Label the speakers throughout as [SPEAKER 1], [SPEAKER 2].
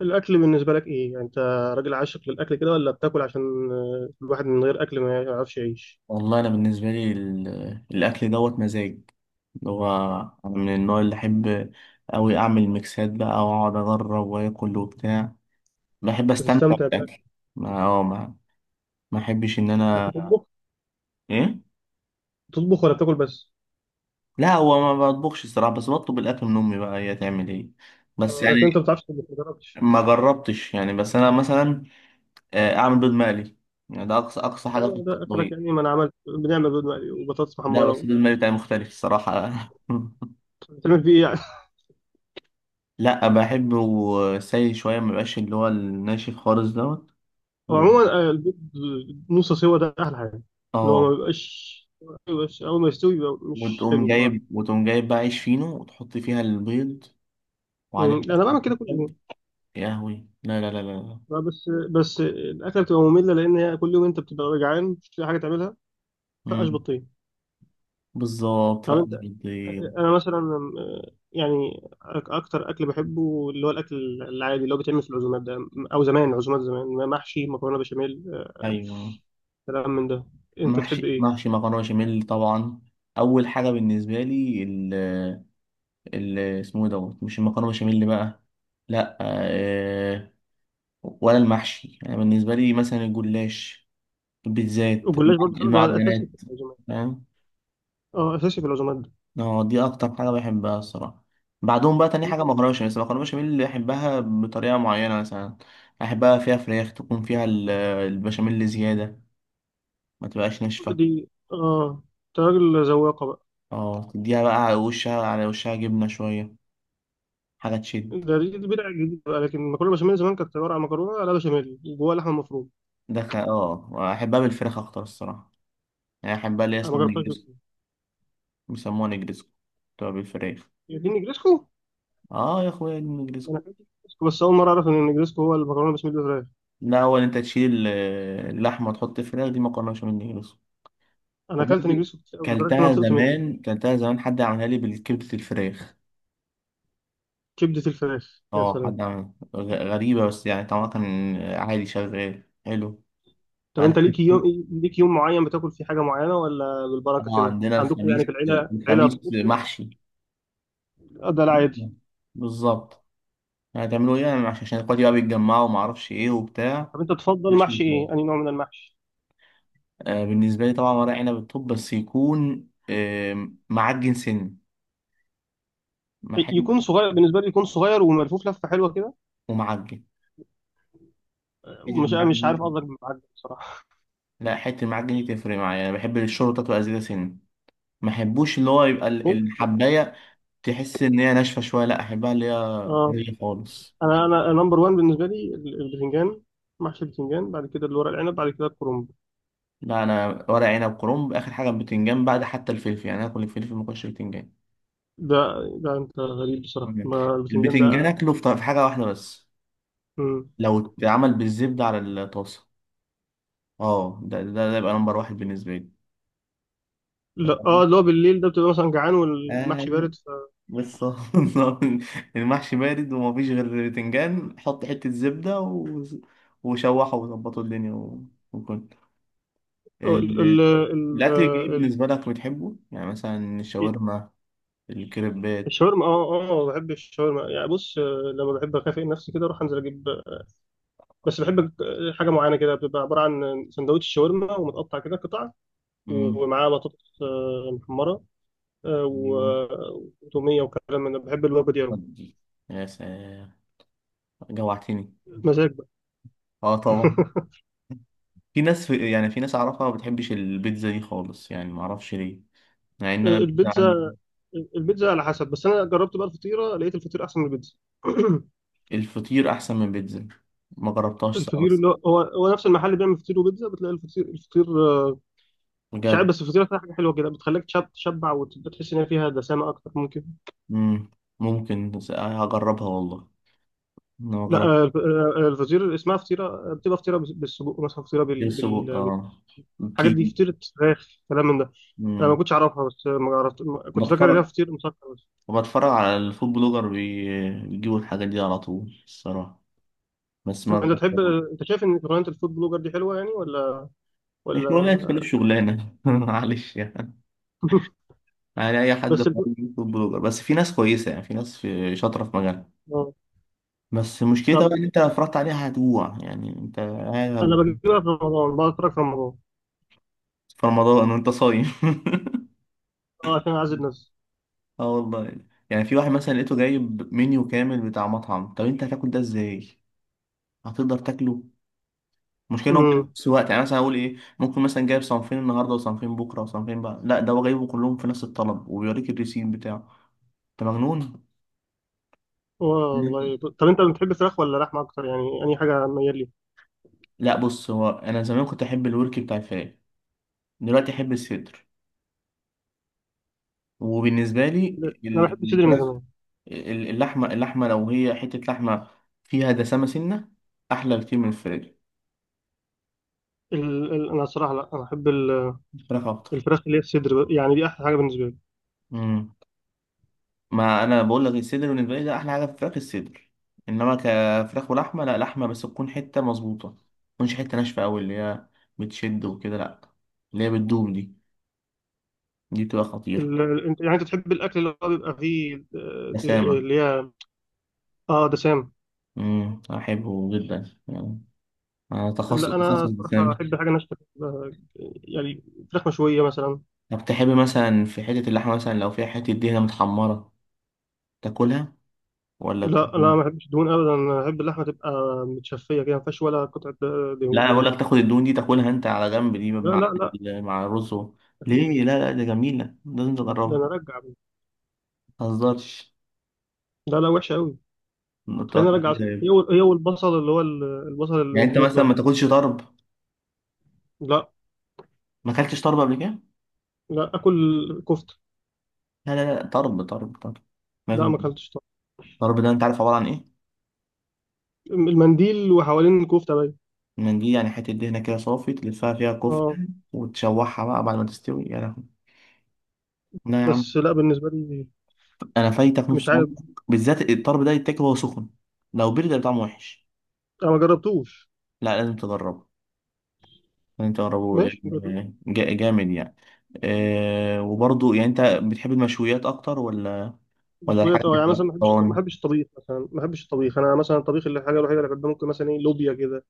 [SPEAKER 1] الاكل بالنسبه لك ايه يعني انت راجل عاشق للاكل كده ولا بتاكل عشان الواحد من غير اكل ما يعرفش يعيش.
[SPEAKER 2] والله انا بالنسبه لي الاكل دوت مزاج اللي هو انا من النوع اللي احب اوي اعمل ميكسات بقى واقعد اجرب واكل وبتاع. بحب استمتع
[SPEAKER 1] بتستمتع بالاكل؟
[SPEAKER 2] بالاكل. ما اه ما ما احبش ان
[SPEAKER 1] طب
[SPEAKER 2] انا.
[SPEAKER 1] بتطبخ؟
[SPEAKER 2] ايه.
[SPEAKER 1] بتطبخ ولا بتاكل بس؟
[SPEAKER 2] لا هو ما بطبخش الصراحه، بس بطلب الاكل من امي بقى هي تعمل ايه. بس
[SPEAKER 1] لكن انت ما
[SPEAKER 2] يعني
[SPEAKER 1] بتعرفش تطبخ، ما جربتش؟
[SPEAKER 2] ما جربتش يعني، بس انا مثلا اعمل بيض مقلي، يعني ده اقصى اقصى حاجه
[SPEAKER 1] لا
[SPEAKER 2] في
[SPEAKER 1] ما ده اخرك،
[SPEAKER 2] الطبيخ.
[SPEAKER 1] يعني ما انا عملت، بنعمل بيض مقلي وبطاطس
[SPEAKER 2] لا بس
[SPEAKER 1] محمره.
[SPEAKER 2] البيض المقلي بتاعي مختلف الصراحه.
[SPEAKER 1] بتعمل فيه ايه يعني؟
[SPEAKER 2] لا بحبه. سايل شوية مبقاش اللي هو الناشف خالص دوت و...
[SPEAKER 1] وعموما البيض نص سوا ده احلى حاجه، اللي هو ما
[SPEAKER 2] اه.
[SPEAKER 1] بيبقاش. بس اول ما يستوي يبقى مش
[SPEAKER 2] وتقوم
[SPEAKER 1] حلو بصراحه.
[SPEAKER 2] جايب وتقوم جايب بقى عيش فينو وتحط فيها البيض وعليها بقى
[SPEAKER 1] انا
[SPEAKER 2] شوية
[SPEAKER 1] بعمل كده كل يوم.
[SPEAKER 2] كاتشب. يا هوي لا لا لا لا لا.
[SPEAKER 1] بس الاكله بتبقى ممله لان هي كل يوم انت بتبقى جعان مش لاقي حاجه تعملها. فقش
[SPEAKER 2] مم.
[SPEAKER 1] بطين.
[SPEAKER 2] بالظبط
[SPEAKER 1] طب
[SPEAKER 2] فقد
[SPEAKER 1] انت،
[SPEAKER 2] البيض.
[SPEAKER 1] انا مثلا، آه، يعني اكتر اكل بحبه اللي هو الاكل العادي اللي هو بيتعمل في العزومات ده، او زمان عزومات زمان محشي مكرونه بشاميل
[SPEAKER 2] أيوه.
[SPEAKER 1] كلام من ده. انت تحب
[SPEAKER 2] محشي
[SPEAKER 1] ايه؟
[SPEAKER 2] محشي مكرونة بشاميل طبعا. أول حاجة بالنسبة لي ال اسمه إيه دوت، مش المكرونة بشاميل بقى، لا آه، ولا المحشي، أنا بالنسبة لي مثلا الجلاش، البيتزات،
[SPEAKER 1] والجلاش برضه ده اساسي
[SPEAKER 2] المعجنات.
[SPEAKER 1] في العزومات.
[SPEAKER 2] فاهم.
[SPEAKER 1] اه اساسي في العزومات ده.
[SPEAKER 2] اه دي اكتر حاجه بحبها الصراحه. بعدهم بقى تاني حاجه
[SPEAKER 1] لا،
[SPEAKER 2] مكرونه بشاميل، بس المكرونه بشاميل اللي بحبها بطريقه معينه مثلا احبها فيها فراخ، تكون فيها البشاميل زياده، ما تبقاش ناشفه.
[SPEAKER 1] دي اه انت راجل ذواقه بقى.
[SPEAKER 2] اه تديها بقى على وشها على وشها جبنه شويه، حاجه تشد.
[SPEAKER 1] ده دي دي بدعه جديده بقى، لكن المكرونه بشاميل زمان كانت عباره عن مكرونه لا بشاميل جواها لحمه مفرومه.
[SPEAKER 2] ده خ- اه احبها بالفراخ اكتر الصراحه. يعني احبها اللي هي
[SPEAKER 1] انا ما
[SPEAKER 2] اسمها
[SPEAKER 1] جربتهاش
[SPEAKER 2] نجرسكو.
[SPEAKER 1] بس-
[SPEAKER 2] بيسموها نجرسكو. بتبقى بالفراخ.
[SPEAKER 1] هي دي النجريسكو؟
[SPEAKER 2] اه يا اخويا دي نجرسكو.
[SPEAKER 1] انا اكلت نجريسكو بس اول مره اعرف ان النجريسكو هو المكرونه بشاميل بالفراخ.
[SPEAKER 2] لا اول انت تشيل اللحمه وتحط الفراخ، دي مكرونه بشاميل نجرسكو.
[SPEAKER 1] انا اكلت
[SPEAKER 2] وبرضه
[SPEAKER 1] نجريسكو كتير أوي لدرجه ان انا
[SPEAKER 2] كلتها
[SPEAKER 1] طقت منه.
[SPEAKER 2] زمان كلتها زمان حد عملها لي بالكبدة الفراخ.
[SPEAKER 1] كبدة الفراخ، يا
[SPEAKER 2] اه حد
[SPEAKER 1] سلام.
[SPEAKER 2] عملها غريبة، بس يعني طعمها كان عادي شغال حلو.
[SPEAKER 1] طب انت
[SPEAKER 2] اه.
[SPEAKER 1] ليك يوم، ليك يوم معين بتاكل فيه حاجة معينة ولا بالبركة كده
[SPEAKER 2] عندنا
[SPEAKER 1] عندكم، يعني
[SPEAKER 2] الخميس.
[SPEAKER 1] في العيلة، عيلة
[SPEAKER 2] الخميس
[SPEAKER 1] طقوس كده؟
[SPEAKER 2] محشي.
[SPEAKER 1] ده العادي.
[SPEAKER 2] بالظبط. هتعملوا ايه يعني عشان اخواتي بقى بيتجمعوا وما اعرفش ايه وبتاع.
[SPEAKER 1] طب انت تفضل
[SPEAKER 2] محشي
[SPEAKER 1] محشي
[SPEAKER 2] بالفراخ.
[SPEAKER 1] ايه؟ أنهي نوع من المحشي؟
[SPEAKER 2] بالنسبة لي طبعا ورق عنب، الطب بس يكون معجن سن، محل
[SPEAKER 1] يكون صغير بالنسبة لي، يكون صغير وملفوف لفة حلوة كده.
[SPEAKER 2] ومعجن. حتة
[SPEAKER 1] مش مش
[SPEAKER 2] المعجن
[SPEAKER 1] عارف قصدك،
[SPEAKER 2] دي-
[SPEAKER 1] معجب بصراحة.
[SPEAKER 2] لا حتة المعجن دي تفرق معايا، انا بحب الشوربة تبقى زيادة سن، ما احبوش اللي هو يبقى
[SPEAKER 1] ممكن بقى.
[SPEAKER 2] الحبايه، تحس ان هي ناشفه شويه، لا احبها اللي هي
[SPEAKER 1] اه
[SPEAKER 2] طريه خالص.
[SPEAKER 1] انا نمبر 1 بالنسبة لي البتنجان، محشي البتنجان، بعد كده الورق العنب، بعد كده الكرنب.
[SPEAKER 2] لا انا ورق عنب كرنب اخر حاجه، البتنجان بعد حتى الفلفل، يعني اكل الفلفل ما اكلش البتنجان.
[SPEAKER 1] ده ده انت غريب بصراحة،
[SPEAKER 2] تمام.
[SPEAKER 1] ما البتنجان
[SPEAKER 2] البتنجان
[SPEAKER 1] ده.
[SPEAKER 2] اكله في حاجه واحده بس،
[SPEAKER 1] مم.
[SPEAKER 2] لو اتعمل بالزبده على الطاسه، اه ده يبقى نمبر واحد بالنسبه لي. أنت
[SPEAKER 1] لا اه
[SPEAKER 2] فاهم؟
[SPEAKER 1] اللي هو بالليل ده بتبقى مثلا جعان والمحشي
[SPEAKER 2] ايوه.
[SPEAKER 1] بارد.
[SPEAKER 2] بالظبط. المحشي بارد ومفيش غير بتنجان، حط حته زبده وشوحه وظبطوا الدنيا وكل. آه،
[SPEAKER 1] ال ال ال
[SPEAKER 2] الأكل الجديد بالنسبة لك بتحبه؟ يعني مثلا
[SPEAKER 1] ال-
[SPEAKER 2] الشاورما، الكريبات.
[SPEAKER 1] الشاورما اه اه بحب الشاورما، يعني بص لما بحب اكافئ نفسي كده اروح انزل اجيب. بس بحب حاجه معينه كده بتبقى عباره عن سندوتش شاورما ومتقطع كده قطع،
[SPEAKER 2] مم.
[SPEAKER 1] ومعاه بطاطس محمره،
[SPEAKER 2] أيوه.
[SPEAKER 1] وتوميه وكلام من ده. بحب الوجبه دي قوي.
[SPEAKER 2] ودي يا سلام، جوعتني.
[SPEAKER 1] مزاج بقى.
[SPEAKER 2] اه طبعا. في ناس أعرفها ما بتحبش البيتزا دي خالص، يعني ما أعرفش ليه، مع إن أنا البيتزا
[SPEAKER 1] البيتزا،
[SPEAKER 2] عندي.
[SPEAKER 1] البيتزا على حسب، بس انا جربت بقى الفطيره لقيت الفطير احسن من البيتزا.
[SPEAKER 2] الفطير أحسن من البيتزا. ما جربتهاش ساعة
[SPEAKER 1] الفطير
[SPEAKER 2] بس.
[SPEAKER 1] اللي هو هو نفس المحل اللي بيعمل فطير وبيتزا بتلاقي الفطير مش عارف،
[SPEAKER 2] بجد.
[SPEAKER 1] بس الفطيره فيها حاجه حلوه كده بتخليك تشبع وتحس ان هي فيها دسامه اكتر ممكن.
[SPEAKER 2] مم. ممكن بس هجربها والله. أنا ما
[SPEAKER 1] لا
[SPEAKER 2] جربت.
[SPEAKER 1] الفطيره اللي اسمها فطيره بتبقى فطيره بالسجق مثلا، فطيره
[SPEAKER 2] السجق اه.
[SPEAKER 1] الحاجات دي،
[SPEAKER 2] كي
[SPEAKER 1] فطيره فراخ، كلام من ده. انا ما كنتش اعرفها، بس آه، ما عرفت ما- كنت فاكر ان هي
[SPEAKER 2] بتفرج
[SPEAKER 1] فطير مسكر بس.
[SPEAKER 2] وبتفرج على الفود بلوجر، بيجيبوا الحاجات دي على طول الصراحة. بس
[SPEAKER 1] طب
[SPEAKER 2] ما
[SPEAKER 1] انت تحب، انت شايف ان شغلانه الفود بلوجر دي حلوه يعني ولا
[SPEAKER 2] الشغلانة
[SPEAKER 1] ولا؟
[SPEAKER 2] تكون شغلانة، معلش يعني. يعني أي حد
[SPEAKER 1] بس
[SPEAKER 2] في
[SPEAKER 1] الب-
[SPEAKER 2] أي فود بلوجر، بس في ناس كويسة، يعني في ناس، في شاطرة في مجالها.
[SPEAKER 1] آه.
[SPEAKER 2] بس
[SPEAKER 1] طب
[SPEAKER 2] مشكلتها بقى إن أنت لو اتفرجت عليها هتجوع، يعني أنت
[SPEAKER 1] انا
[SPEAKER 2] قاعد
[SPEAKER 1] بجيبها في رمضان، بقعد اتفرج في رمضان.
[SPEAKER 2] في رمضان وأنت صايم.
[SPEAKER 1] اه عشان اعزل نفسي.
[SPEAKER 2] اه والله. يعني في واحد مثلا لقيته جايب منيو كامل بتاع مطعم، طب أنت هتاكل ده إزاي؟ هتقدر تاكله؟ المشكله ان هو جايب
[SPEAKER 1] امم.
[SPEAKER 2] نفس الوقت، يعني مثلا اقول ايه، ممكن مثلا جايب صنفين النهارده وصنفين بكره وصنفين، بقى لا ده هو جايبه كلهم في نفس الطلب وبيوريك الريسيم بتاعه. انت مجنون. مم.
[SPEAKER 1] والله طب انت بتحب الفراخ ولا لحمه اكتر يعني؟ اي حاجه ميال لي.
[SPEAKER 2] لا بص، هو انا زمان كنت احب الورك بتاع الفراخ، دلوقتي احب الصدر. وبالنسبه لي
[SPEAKER 1] انا
[SPEAKER 2] ال-
[SPEAKER 1] بحب الصدر من
[SPEAKER 2] الفراخ،
[SPEAKER 1] زمان.
[SPEAKER 2] اللحمه لو هي حته لحمه فيها دسامه سنه، احلى بكتير من الفراخ.
[SPEAKER 1] انا الصراحه، لا انا احب
[SPEAKER 2] الفراخ اكتر.
[SPEAKER 1] الفراخ اللي هي الصدر بقى. يعني دي احلى حاجه بالنسبه لي.
[SPEAKER 2] ما انا بقول لك الصدر بالنسبه لي ده احلى حاجه في الفراخ، الصدر. انما كفراخ ولحمه، لا لحمه بس تكون حته مظبوطه، ما تكونش حته ناشفه قوي اللي هي بتشد وكده، لا اللي هي بتدوب، دي بتبقى خطيره.
[SPEAKER 1] انت يعني انت تحب الاكل اللي هو بيبقى فيه
[SPEAKER 2] بسامه.
[SPEAKER 1] اللي هي اه دسام.
[SPEAKER 2] احبه جدا يعني. انا تخصص
[SPEAKER 1] لا انا
[SPEAKER 2] تخصص
[SPEAKER 1] صراحه
[SPEAKER 2] بسامه.
[SPEAKER 1] احب حاجه ناشفه، آه، يعني فراخ مشويه مثلا.
[SPEAKER 2] طب تحب مثلا في حته اللحمه مثلا لو فيها حته دهنه متحمره تاكلها، ولا
[SPEAKER 1] لا لا ما احبش دهون ابدا، انا احب اللحمه تبقى متشفيه كده، ما فيهاش ولا قطعه
[SPEAKER 2] لا
[SPEAKER 1] دهون،
[SPEAKER 2] انا بقول
[SPEAKER 1] دهون.
[SPEAKER 2] لك تاخد الدهون دي تاكلها انت على جنب، دي
[SPEAKER 1] لا لا
[SPEAKER 2] مع
[SPEAKER 1] لا
[SPEAKER 2] مع الرز
[SPEAKER 1] مستحيل.
[SPEAKER 2] ليه لا لا، ده جميله، لازم
[SPEAKER 1] ده
[SPEAKER 2] تجربها.
[SPEAKER 1] انا ارجع.
[SPEAKER 2] متهزرش.
[SPEAKER 1] لا لا وحشه قوي. تخليني
[SPEAKER 2] متوقع
[SPEAKER 1] ارجع
[SPEAKER 2] كده
[SPEAKER 1] أصلاً. هي
[SPEAKER 2] يعني.
[SPEAKER 1] هي والبصل اللي هو البصل
[SPEAKER 2] يعني انت
[SPEAKER 1] المطبوخ
[SPEAKER 2] مثلا
[SPEAKER 1] ده.
[SPEAKER 2] ما تاكلش طرب؟
[SPEAKER 1] لا
[SPEAKER 2] ما اكلتش طرب قبل كده؟
[SPEAKER 1] لا اكل كفته.
[SPEAKER 2] لا لا لا، طرب طرب طرب،
[SPEAKER 1] لا
[SPEAKER 2] لازم.
[SPEAKER 1] ما اكلتش.
[SPEAKER 2] الطرب ده انت عارف عباره عن ايه؟
[SPEAKER 1] المنديل وحوالين الكوفته باين.
[SPEAKER 2] منديل، يعني حته دهنه كده صافي تلفها فيها
[SPEAKER 1] اه
[SPEAKER 2] كفته وتشوحها بقى بعد ما تستوي. يا لهوي لا يا عم،
[SPEAKER 1] بس لا بالنسبه لي،
[SPEAKER 2] انا فايتك
[SPEAKER 1] مش
[SPEAKER 2] نص عمرك.
[SPEAKER 1] عارف.
[SPEAKER 2] بالذات الطرب ده يتاكل وهو سخن، لو برد هيبقى طعمه وحش.
[SPEAKER 1] انا ما جربتوش.
[SPEAKER 2] لا لازم تجربه، لازم تجربه
[SPEAKER 1] ماشي جرب.
[SPEAKER 2] جامد يعني. وبرضه يعني انت بتحب المشويات اكتر، ولا
[SPEAKER 1] مشويات،
[SPEAKER 2] الحاجه
[SPEAKER 1] اه
[SPEAKER 2] اللي
[SPEAKER 1] يعني
[SPEAKER 2] في
[SPEAKER 1] مثلا ما بحبش، ما
[SPEAKER 2] الطبخ؟
[SPEAKER 1] بحبش الطبيخ، مثلا ما بحبش الطبيخ، انا مثلا الطبيخ اللي الحاجه الوحيده اللي بحبها ممكن مثلا ايه، لوبيا كده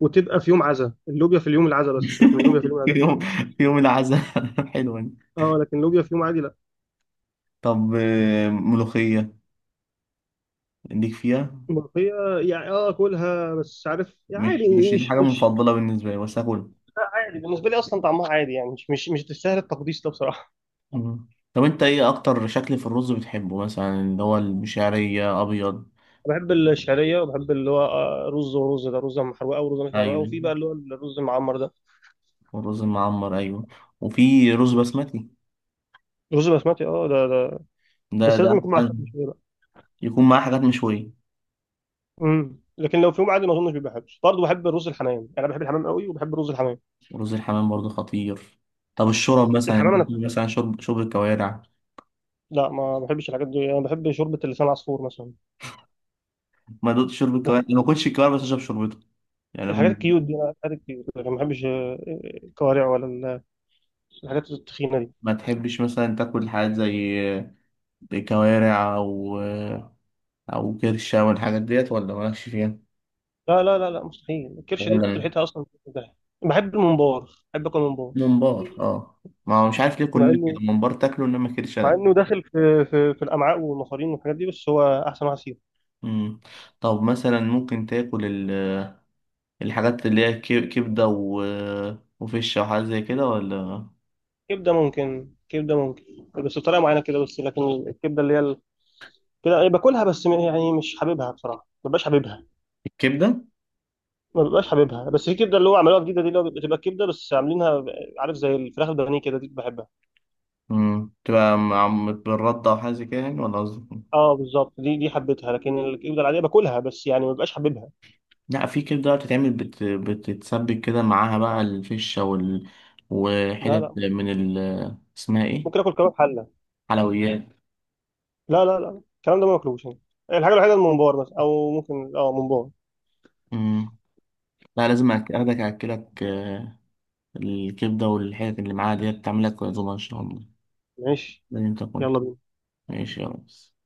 [SPEAKER 1] وتبقى في يوم عزا، اللوبيا في اليوم العزا بس، لكن اللوبيا في اليوم
[SPEAKER 2] في
[SPEAKER 1] العادي.
[SPEAKER 2] يوم في يوم العزاء. حلوة دي.
[SPEAKER 1] اه لكن اللوبيا في يوم عادي لا.
[SPEAKER 2] طب ملوخية ليك فيها؟
[SPEAKER 1] الملوخيه يعني اه اكلها، بس عارف يعني عادي.
[SPEAKER 2] مش دي
[SPEAKER 1] مش
[SPEAKER 2] حاجة
[SPEAKER 1] مش
[SPEAKER 2] مفضلة بالنسبة لي بس هاكلها.
[SPEAKER 1] عادي بالنسبه لي، اصلا طعمها عادي يعني، مش تستاهل التقديس ده بصراحه.
[SPEAKER 2] مم. طب انت ايه اكتر شكل في الرز بتحبه، مثلا اللي هو المشعرية ابيض؟
[SPEAKER 1] بحب الشعريه وبحب اللي هو رز، ورز ده رز محروقه ورز مش محروقه،
[SPEAKER 2] ايوه.
[SPEAKER 1] وفي بقى اللي هو الرز المعمر ده.
[SPEAKER 2] والرز المعمر ايوه. وفي رز بسمتي.
[SPEAKER 1] رز بسمتي اه، ده
[SPEAKER 2] ده
[SPEAKER 1] بس
[SPEAKER 2] ده
[SPEAKER 1] لازم يكون مع
[SPEAKER 2] احسن.
[SPEAKER 1] فراخ مشويه بقى.
[SPEAKER 2] يكون معاه حاجات مشوية.
[SPEAKER 1] لكن لو في يوم عادي ما اظنش بيبقى حلو. برضه بحب الرز الحمام، يعني انا بحب الحمام قوي وبحب الرز الحمام.
[SPEAKER 2] ورز الحمام برضه خطير. طب الشرب مثلا،
[SPEAKER 1] الحمام
[SPEAKER 2] انت
[SPEAKER 1] انا
[SPEAKER 2] بتقول
[SPEAKER 1] بحب.
[SPEAKER 2] مثلا شرب شرب الكوارع.
[SPEAKER 1] لا ما بحبش الحاجات دي، انا بحب شوربه اللسان العصفور مثلا.
[SPEAKER 2] ما دقت شرب الكوارع، أنا ما
[SPEAKER 1] الحاجات
[SPEAKER 2] كنتش الكوارع بس اشرب شربته. يعني أنا
[SPEAKER 1] الحاجات الكيوت دي، انا الحاجات الكيوت، لكن ما بحبش الكوارع ولا الحاجات التخينه دي.
[SPEAKER 2] ما تحبش مثلا تاكل حاجات زي كوارع او كرشه والحاجات ديت، ولا مالكش فيها؟
[SPEAKER 1] لا لا لا لا مستحيل، الكرشه دي
[SPEAKER 2] ولا
[SPEAKER 1] ريحتها اصلا بتبقى- بحب الممبار، بحب اكل ممبار.
[SPEAKER 2] ممبار؟ اه. ما هو مش عارف ليه
[SPEAKER 1] مع
[SPEAKER 2] كلنا
[SPEAKER 1] انه
[SPEAKER 2] كده ممبار تاكله انما كرشه لا.
[SPEAKER 1] داخل في الامعاء والمصارين والحاجات دي، بس هو احسن واحد فيهم.
[SPEAKER 2] مم. طب مثلا ممكن تاكل الحاجات اللي هي كبده وفشه وحاجات زي كده، ولا
[SPEAKER 1] كبده ممكن، كبده ممكن، بس بطريقه معينه كده بس. لكن الكبده اللي هي كده إيه، باكلها بس يعني مش حاببها بصراحه، ما ببقاش حاببها،
[SPEAKER 2] الكبده
[SPEAKER 1] ما ببقاش حاببها. بس في كبده اللي هو عملوها جديده دي، اللي هو بتبقى كبده بس عاملينها عارف زي الفراخ البانيه كده، دي بحبها.
[SPEAKER 2] تبقى مع، بالرده وحاجه زي كده يعني، ولا قصدك؟
[SPEAKER 1] اه بالظبط، دي حبيتها، لكن الكبده العاديه باكلها بس يعني ما ببقاش حاببها.
[SPEAKER 2] لا في كبدة بقى بتتعمل بتتسبك كده معاها بقى الفشة
[SPEAKER 1] لا
[SPEAKER 2] وحتت
[SPEAKER 1] لا
[SPEAKER 2] من اسمها ايه؟
[SPEAKER 1] ممكن اكل كباب حله.
[SPEAKER 2] حلويات.
[SPEAKER 1] لا لا لا الكلام ده ما باكلوش هنا. الحاجه الوحيده الممبار مثلا، او ممكن اه ممبار.
[SPEAKER 2] مم. لا لازم اخدك اكلك، الكبدة والحتت اللي معاها ديت تعملك عزومة ان شاء الله.
[SPEAKER 1] ماشي،
[SPEAKER 2] لازم تكون
[SPEAKER 1] يلا بينا.
[SPEAKER 2] ماشي يا ريس.